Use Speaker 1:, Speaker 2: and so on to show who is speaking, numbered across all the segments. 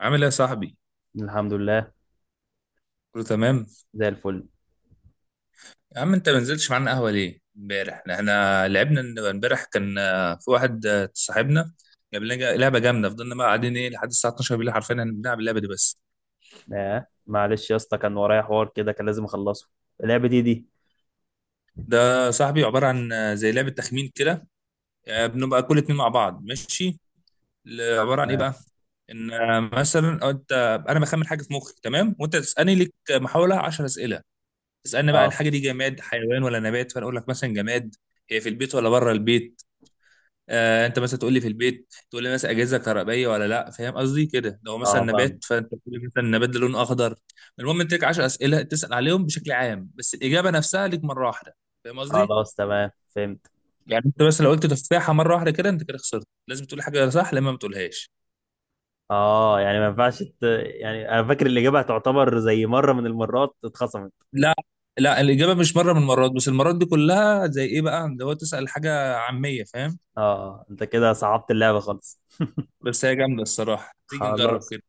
Speaker 1: عامل ايه يا صاحبي؟
Speaker 2: الحمد لله.
Speaker 1: كله تمام؟
Speaker 2: زي الفل.
Speaker 1: يا عم انت ما نزلتش معانا قهوة ليه؟ امبارح احنا لعبنا امبارح كان في واحد صاحبنا جاب لنا لعبة جامدة فضلنا بقى قاعدين ايه لحد الساعة 12 بالليل، حرفيا احنا بنلعب اللعبة دي بس.
Speaker 2: معلش يا اسطى، كان ورايا حوار كده كان لازم اخلصه. اللعبة دي.
Speaker 1: ده صاحبي عبارة عن زي لعبة تخمين كده. بنبقى كل اتنين مع بعض، ماشي؟ عبارة عن ايه
Speaker 2: تمام.
Speaker 1: بقى؟ ان مثلا انت، انا بخمن حاجة في مخي تمام؟ وانت تسألني، لك محاولة 10 أسئلة. تسألني بقى
Speaker 2: اه
Speaker 1: الحاجة دي جماد حيوان ولا نبات، فانا اقول لك مثلا جماد. هي في البيت ولا بره البيت؟ آه، انت مثلا تقول لي في البيت، تقول لي مثلا اجهزه كهربائيه ولا لا، فاهم قصدي كده؟ لو مثلا
Speaker 2: اه، فاهم.
Speaker 1: نبات فانت تقول لي مثلا النبات ده لونه اخضر. المهم انت لك 10 اسئله تسال عليهم بشكل عام، بس الاجابه نفسها ليك مره واحده، فاهم قصدي؟
Speaker 2: خلاص تمام، فهمت.
Speaker 1: يعني انت بس لو قلت تفاحه مره واحده كده انت كده خسرت، لازم تقول حاجه صح لما ما تقولهاش.
Speaker 2: اه، يعني ما ينفعش يعني انا فاكر الاجابة هتعتبر زي مرة من المرات اتخصمت.
Speaker 1: لا. لا، الاجابه مش مره من المرات، بس المرات دي كلها زي ايه بقى اللي هو تسال حاجه عاميه، فاهم؟
Speaker 2: اه، انت كده صعبت اللعبة خالص.
Speaker 1: بس هي جامده الصراحه، تيجي نجرب
Speaker 2: خلاص.
Speaker 1: كده.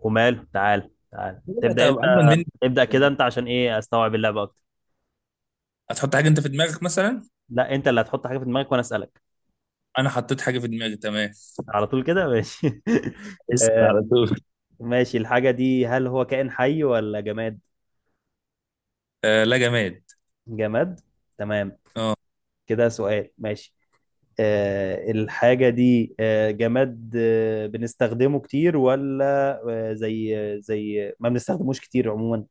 Speaker 2: ومال، تعال تعال
Speaker 1: كده
Speaker 2: تبدأ انت.
Speaker 1: هتبقى اجمل مني.
Speaker 2: ابدأ كده انت عشان ايه، استوعب اللعبة اكتر.
Speaker 1: هتحط حاجه انت في دماغك مثلا.
Speaker 2: لا، انت اللي هتحط حاجة في دماغك وانا اسألك
Speaker 1: انا حطيت حاجه في دماغي، تمام.
Speaker 2: على طول كده، ماشي.
Speaker 1: اسأل على طول.
Speaker 2: ماشي. الحاجة دي هل هو كائن حي ولا جماد؟
Speaker 1: آه، لا جماد.
Speaker 2: جماد. تمام.
Speaker 1: اه.
Speaker 2: كده سؤال، ماشي. الحاجة دي جماد، بنستخدمه كتير ولا زي، زي ما بنستخدموش كتير عموما؟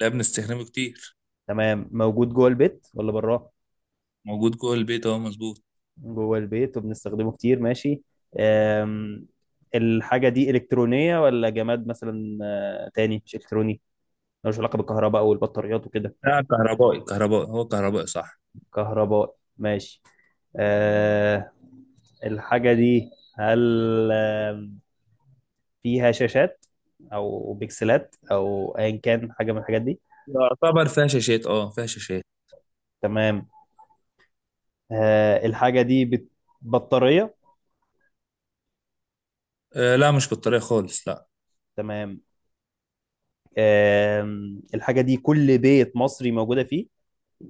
Speaker 1: لا بنستخدمه كتير.
Speaker 2: تمام. موجود جوه البيت ولا براه؟
Speaker 1: موجود جوه البيت، اهو مظبوط.
Speaker 2: جوه البيت وبنستخدمه كتير، ماشي. آم. الحاجة دي إلكترونية ولا جماد مثلا؟ تاني، مش إلكتروني؟ ملوش علاقة بالكهرباء أو البطاريات وكده؟
Speaker 1: لا كهربائي، كهربائي هو كهربائي صح.
Speaker 2: كهرباء، ماشي. آه، الحاجة دي هل فيها شاشات أو بكسلات أو أيا كان حاجة من الحاجات دي؟
Speaker 1: يعتبر فيها شاشات، اه فيها شاشات.
Speaker 2: تمام. الحاجة دي بطارية؟
Speaker 1: آه، لا مش بالطريقة خالص، لا.
Speaker 2: تمام. الحاجة دي كل بيت مصري موجودة فيه؟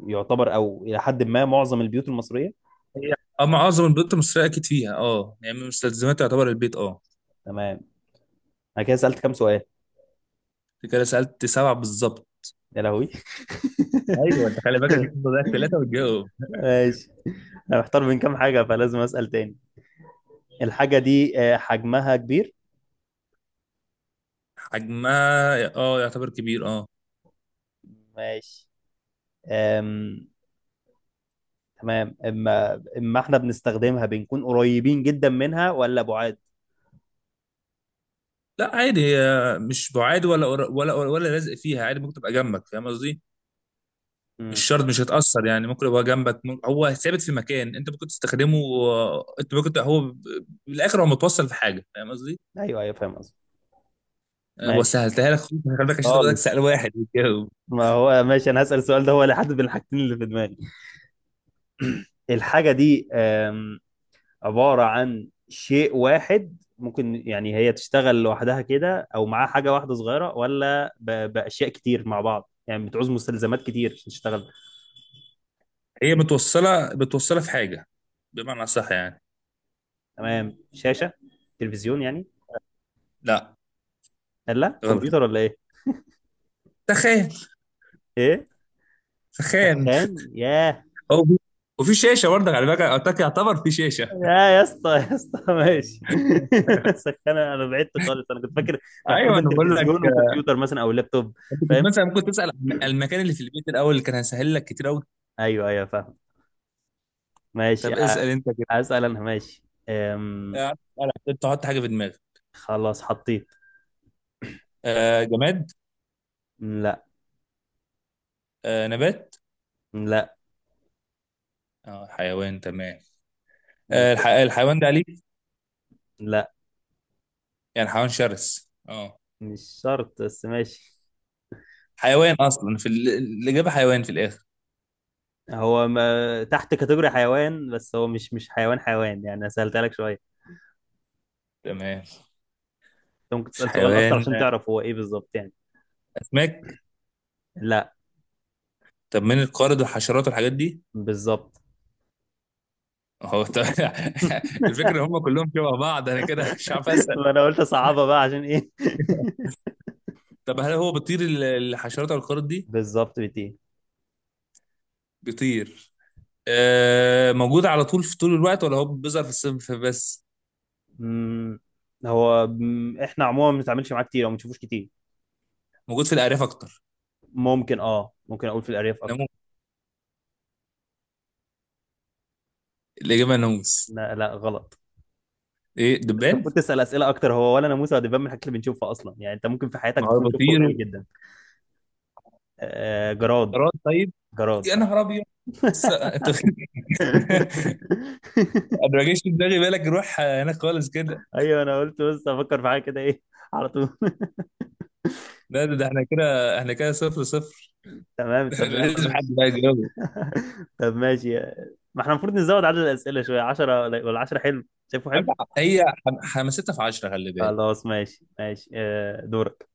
Speaker 2: يعتبر أو إلى حد ما معظم البيوت المصرية؟
Speaker 1: هي، اه معظم البيوت المصرية اكيد فيها، اه يعني من مستلزمات يعتبر البيت، اه.
Speaker 2: تمام. أنا كده سألت كام سؤال؟
Speaker 1: انت كده سألت سبعة بالظبط.
Speaker 2: يا لهوي.
Speaker 1: ايوه، انت خلي بالك عشان كده ضيعت ثلاثه، وتجاوب.
Speaker 2: ماشي. أنا محتار بين كام حاجة فلازم أسأل تاني. الحاجة دي حجمها كبير؟
Speaker 1: حجمها اه يعتبر كبير، اه.
Speaker 2: ماشي. أم... تمام. اما احنا بنستخدمها بنكون قريبين جدا منها ولا بعاد؟
Speaker 1: لا عادي، هي مش بعاد ولا قر- ولا ولا لازق فيها، عادي ممكن تبقى جنبك، فاهم قصدي؟ مش
Speaker 2: امم.
Speaker 1: شرط مش هتأثر، يعني ممكن يبقى جنبك، هو ثابت في مكان انت ممكن تستخدمه. انت ممكن هو بالاخر هو متوصل في حاجه، فاهم قصدي؟
Speaker 2: ايوه ايوه، فاهم قصدي. ماشي
Speaker 1: وسهلتها لك، خليك عشان تبقى سأل
Speaker 2: خالص.
Speaker 1: واحد يتجاوب.
Speaker 2: ما هو ماشي، انا هسأل السؤال ده هو اللي حدد بين الحاجتين اللي في دماغي. الحاجة دي عبارة عن شيء واحد، ممكن يعني هي تشتغل لوحدها كده او معاها حاجة واحدة صغيرة، ولا بأشياء كتير مع بعض، يعني بتعوز مستلزمات كتير عشان تشتغل؟
Speaker 1: هي متوصله في حاجه، بمعنى صح يعني.
Speaker 2: تمام. شاشة، تلفزيون يعني؟
Speaker 1: لا
Speaker 2: لا،
Speaker 1: غلط.
Speaker 2: كمبيوتر ولا ايه؟
Speaker 1: تخان.
Speaker 2: ايه؟
Speaker 1: تخان.
Speaker 2: سخان؟ ياه.
Speaker 1: هو في- وفي شاشه برضك على فكره، أعتقد يعتبر في شاشه.
Speaker 2: يا اسطى يا اسطى، ماشي. سخان، انا بعدت خالص، انا كنت فاكر محتار
Speaker 1: ايوه
Speaker 2: بين
Speaker 1: انا بقول لك.
Speaker 2: تلفزيون وكمبيوتر مثلا او لابتوب.
Speaker 1: انت كنت
Speaker 2: فاهم.
Speaker 1: مثلا ممكن تسال عن المكان اللي في البيت الاول، اللي كان هسهل لك كتير قوي.
Speaker 2: ايوه ايوه فاهم. ماشي.
Speaker 1: طب اسال انت كده.
Speaker 2: اسال انا، ماشي. أم...
Speaker 1: اسأل، تحط حاجه في دماغك.
Speaker 2: خلاص حطيت.
Speaker 1: آه، جماد.
Speaker 2: لا.
Speaker 1: آه، نبات.
Speaker 2: لا.
Speaker 1: اه، حيوان تمام. آه،
Speaker 2: بالظبط.
Speaker 1: الحيوان ده أليف؟
Speaker 2: لا
Speaker 1: يعني حيوان شرس، اه.
Speaker 2: مش شرط بس، ماشي.
Speaker 1: حيوان أصلا في الإجابة حيوان في الآخر.
Speaker 2: هو ما... تحت كاتيجوري حيوان، بس هو مش حيوان حيوان يعني، أنا سألتها لك شويه.
Speaker 1: تمام،
Speaker 2: انت ممكن
Speaker 1: مش
Speaker 2: تسال سؤال اكتر
Speaker 1: حيوان.
Speaker 2: عشان تعرف هو ايه بالظبط يعني.
Speaker 1: أسماك.
Speaker 2: لا.
Speaker 1: طب من القارد والحشرات والحاجات دي.
Speaker 2: بالظبط.
Speaker 1: هو طب... الفكرة إن هم كلهم شبه بعض، أنا كده مش عارف أسأل.
Speaker 2: ما انا قلت صعبة بقى عشان ايه.
Speaker 1: طب هل هو بيطير، الحشرات او القارد دي؟
Speaker 2: بالظبط، بتي.
Speaker 1: بيطير. آه، موجود على طول في طول الوقت ولا هو بيظهر في الصيف بس؟
Speaker 2: مم، هو احنا عموما ما بنتعاملش معاه كتير او ما بنشوفوش كتير.
Speaker 1: موجود في الأعراف أكتر.
Speaker 2: ممكن اقول في الارياف اكتر.
Speaker 1: ناموس. الإجابة ناموس.
Speaker 2: لا لا، غلط.
Speaker 1: إيه
Speaker 2: انت
Speaker 1: دبان؟
Speaker 2: المفروض تسال اسئله اكتر، هو ولا ناموسه ولا دبان من الحاجات اللي بنشوفها اصلا، يعني انت ممكن في حياتك
Speaker 1: ما هو
Speaker 2: تكون شفته
Speaker 1: بيطير.
Speaker 2: قليل جدا. جراد.
Speaker 1: جراد طيب.
Speaker 2: جراد
Speaker 1: يا
Speaker 2: صح.
Speaker 1: نهار ابيض. لسه انت انا ما جاش في دماغي بالك نروح هناك خالص كده.
Speaker 2: ايوه، انا قلت بس افكر في حاجه كده ايه على طول.
Speaker 1: لا ده, ده احنا كده، احنا كده صفر صفر.
Speaker 2: تمام. طب يلا،
Speaker 1: لازم حد
Speaker 2: ماشي.
Speaker 1: بقى يجاوب.
Speaker 2: طب ماشي. ما احنا المفروض نزود عدد الأسئلة شوية، 10 ولا 10 حلو؟ شايفه حلو.
Speaker 1: هي حماستها في 10، خلي بالك.
Speaker 2: خلاص، ماشي ماشي. دورك.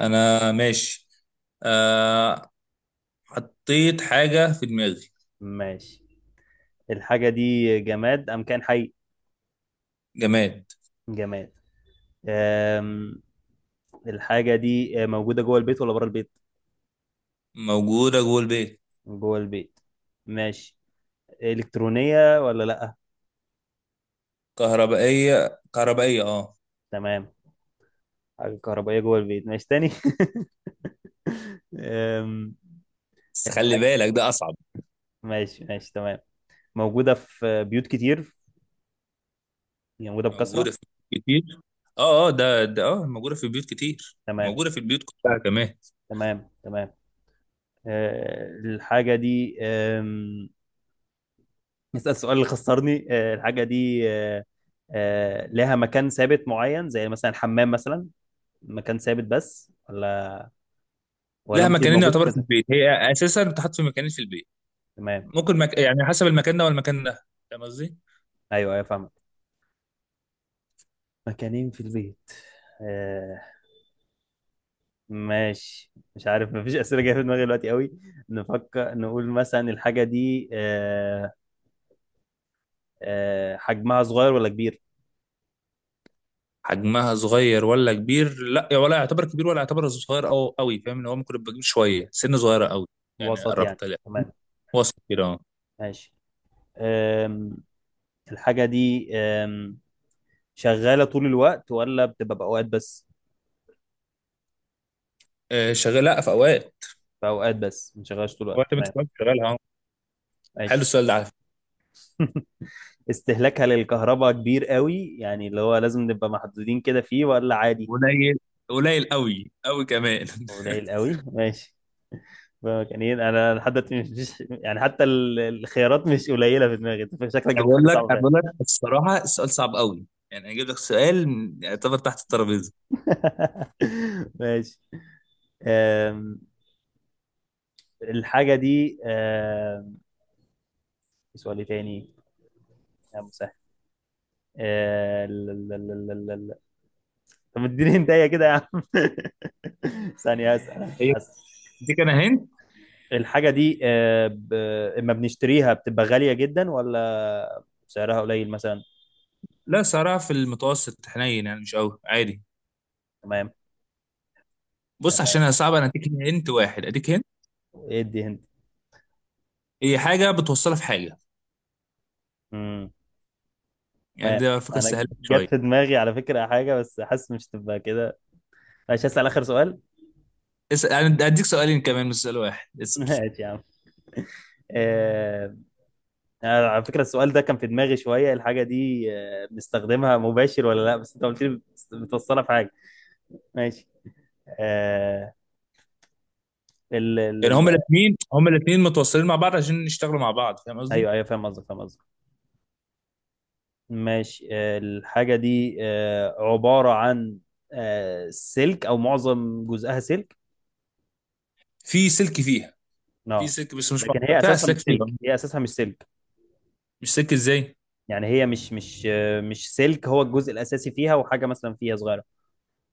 Speaker 1: انا ماشي. آه، حطيت حاجة في دماغي.
Speaker 2: ماشي. الحاجة دي جماد أم كان حي؟
Speaker 1: جماد.
Speaker 2: جماد. آم، الحاجة دي موجودة جوه البيت ولا بره البيت؟
Speaker 1: موجودة جوه البيت.
Speaker 2: جوه البيت، ماشي. إلكترونية ولا لأ؟
Speaker 1: كهربائية اه.
Speaker 2: تمام. حاجة كهربائية جوه البيت، ماشي تاني. آم،
Speaker 1: بس خلي
Speaker 2: الحاجة
Speaker 1: بالك ده أصعب.
Speaker 2: ماشي ماشي تمام. موجودة في بيوت كتير، يعني موجودة بكثرة؟
Speaker 1: موجودة في بيوت كتير. اه ده موجودة في بيوت كتير،
Speaker 2: تمام
Speaker 1: موجودة في البيوت كلها كمان.
Speaker 2: تمام تمام. الحاجة دي نسأل السؤال اللي خسرني. الحاجة دي لها مكان ثابت معين زي مثلا الحمام مثلا، مكان ثابت بس، ولا
Speaker 1: لا
Speaker 2: ممكن يبقى
Speaker 1: مكانين
Speaker 2: موجود في
Speaker 1: يعتبر في
Speaker 2: كذا؟
Speaker 1: البيت، هي اساسا بتحط في مكانين في البيت.
Speaker 2: تمام.
Speaker 1: ممكن يعني حسب المكان ده والمكان ده، فاهم قصدي؟
Speaker 2: ايوه ايوه، فاهمك. مكانين في البيت، آه، ماشي. مش عارف، مفيش أسئلة جاية في دماغي دلوقتي قوي. نفكر، نقول مثلا الحاجة دي حجمها صغير ولا كبير؟
Speaker 1: حجمها صغير ولا كبير؟ لا ولا يعتبر كبير ولا يعتبر صغير او قوي، فاهم ان هو ممكن يبقى كبير شويه، سن صغيره قوي. يعني
Speaker 2: وسط يعني،
Speaker 1: قربت لا،
Speaker 2: تمام.
Speaker 1: وسط كده اه.
Speaker 2: ماشي. الحاجة دي شغالة طول الوقت ولا بتبقى بأوقات بس؟
Speaker 1: شغال لا في اوقات.
Speaker 2: بأوقات بس ما شغالش طول الوقت،
Speaker 1: اوقات، ما انت
Speaker 2: تمام.
Speaker 1: كمان شغالها اه. حلو
Speaker 2: ماشي.
Speaker 1: السؤال ده على فكره.
Speaker 2: استهلاكها للكهرباء كبير قوي، يعني اللي هو لازم نبقى محدودين كده فيه ولا عادي؟
Speaker 1: قليل، قليل قوي قوي كمان.
Speaker 2: قليل قوي، ماشي. يعني إيه؟ انا لحد دلوقتي يعني حتى الخيارات مش قليله في دماغي، أنت شكلك
Speaker 1: انا
Speaker 2: جبت
Speaker 1: بقول
Speaker 2: حاجه
Speaker 1: لك
Speaker 2: صعبه
Speaker 1: انا
Speaker 2: فعلا.
Speaker 1: بقول لك الصراحه السؤال صعب قوي، يعني اجيب لك سؤال يعتبر تحت الترابيزه.
Speaker 2: ماشي. أم، الحاجه دي سؤال إيه تاني؟ يا مسهل. طب اديني هدايا كده يا عم. ثانية، اسأل
Speaker 1: هي
Speaker 2: اسأل.
Speaker 1: دي كان هنت.
Speaker 2: الحاجة دي اما بنشتريها بتبقى غالية جدا ولا سعرها قليل مثلا؟
Speaker 1: لا صراحة في المتوسط حنين، يعني مش قوي عادي.
Speaker 2: تمام.
Speaker 1: بص عشان
Speaker 2: تمام.
Speaker 1: هي صعبة انا اديك هنت، واحد اديك هنت.
Speaker 2: ادي هند.
Speaker 1: هي حاجة بتوصلها في حاجة،
Speaker 2: امم.
Speaker 1: يعني
Speaker 2: تمام.
Speaker 1: ده فكرة
Speaker 2: انا
Speaker 1: سهلة
Speaker 2: جت
Speaker 1: شوية.
Speaker 2: في دماغي على فكرة حاجة، بس حاسس مش تبقى كده. ماشي، هسأل آخر سؤال.
Speaker 1: اسأل، انا اديك سؤالين كمان مش سؤال واحد، اسأل.
Speaker 2: ماشي يا عم. آه... أنا على فكرة السؤال ده كان في دماغي شوية. الحاجة دي بنستخدمها مباشر ولا لا، بس انت قلت لي بتوصلها في حاجة؟ ماشي. آه... ال-
Speaker 1: يعني
Speaker 2: ال-
Speaker 1: هما الاثنين متوصلين مع بعض عشان يشتغلوا مع بعض، فاهم قصدي؟
Speaker 2: ايوه ايوه، فاهم قصدك فاهم قصدك. ماشي. الحاجه دي عباره عن سلك او معظم جزئها سلك؟
Speaker 1: في سلك فيها. في
Speaker 2: اه.
Speaker 1: سلك بس مش
Speaker 2: لكن
Speaker 1: مع...
Speaker 2: هي
Speaker 1: فيها
Speaker 2: اساسها مش
Speaker 1: اسلاك فيها.
Speaker 2: سلك، هي اساسها مش سلك.
Speaker 1: مش سلك ازاي؟
Speaker 2: يعني هي مش مش سلك هو الجزء الاساسي فيها، وحاجه مثلا فيها صغيره.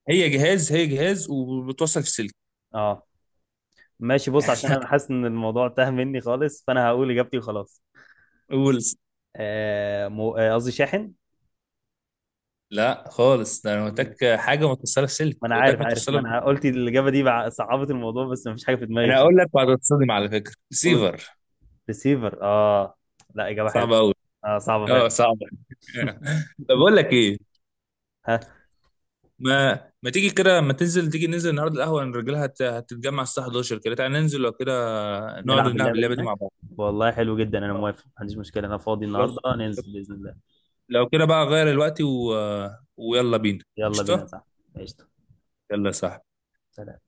Speaker 1: هي جهاز وبتوصل في سلك.
Speaker 2: اه، ماشي. بص عشان انا حاسس ان الموضوع تاه مني خالص، فانا هقول اجابتي وخلاص.
Speaker 1: قول.
Speaker 2: قصدي شاحن.
Speaker 1: لا خالص، ده انا قلت
Speaker 2: مم.
Speaker 1: لك حاجة متوصلة في سلك،
Speaker 2: ما انا
Speaker 1: قلت
Speaker 2: عارف
Speaker 1: لك
Speaker 2: عارف،
Speaker 1: متوصلة
Speaker 2: ما انا قلت الاجابه دي صعبت الموضوع، بس مفيش حاجه في دماغي
Speaker 1: انا اقول
Speaker 2: خالص.
Speaker 1: لك وهتتصدم على فكرة،
Speaker 2: قول.
Speaker 1: ريسيفر.
Speaker 2: ريسيفر، اه. لا، اجابه
Speaker 1: صعب
Speaker 2: حلوه.
Speaker 1: قوي.
Speaker 2: اه صعبة
Speaker 1: اه
Speaker 2: فعلا.
Speaker 1: صعب. طب اقول لك ايه،
Speaker 2: ها.
Speaker 1: ما ما تيجي كده، ما تنزل تيجي ننزل النهارده القهوه، إن الرجاله هتتجمع الساعه 11 كده، تعالى ننزل لو كده نقعد
Speaker 2: نلعب
Speaker 1: نلعب
Speaker 2: اللعبة دي
Speaker 1: اللعبه دي
Speaker 2: هناك،
Speaker 1: مع بعض.
Speaker 2: والله حلو جدا. انا موافق، ما عنديش مشكلة، انا فاضي النهاردة،
Speaker 1: خلاص
Speaker 2: ننزل بإذن الله.
Speaker 1: لو كده بقى غير الوقت و... ويلا بينا.
Speaker 2: يلا بينا،
Speaker 1: قشطه.
Speaker 2: صح. قشطة.
Speaker 1: يلا صح.
Speaker 2: سلام.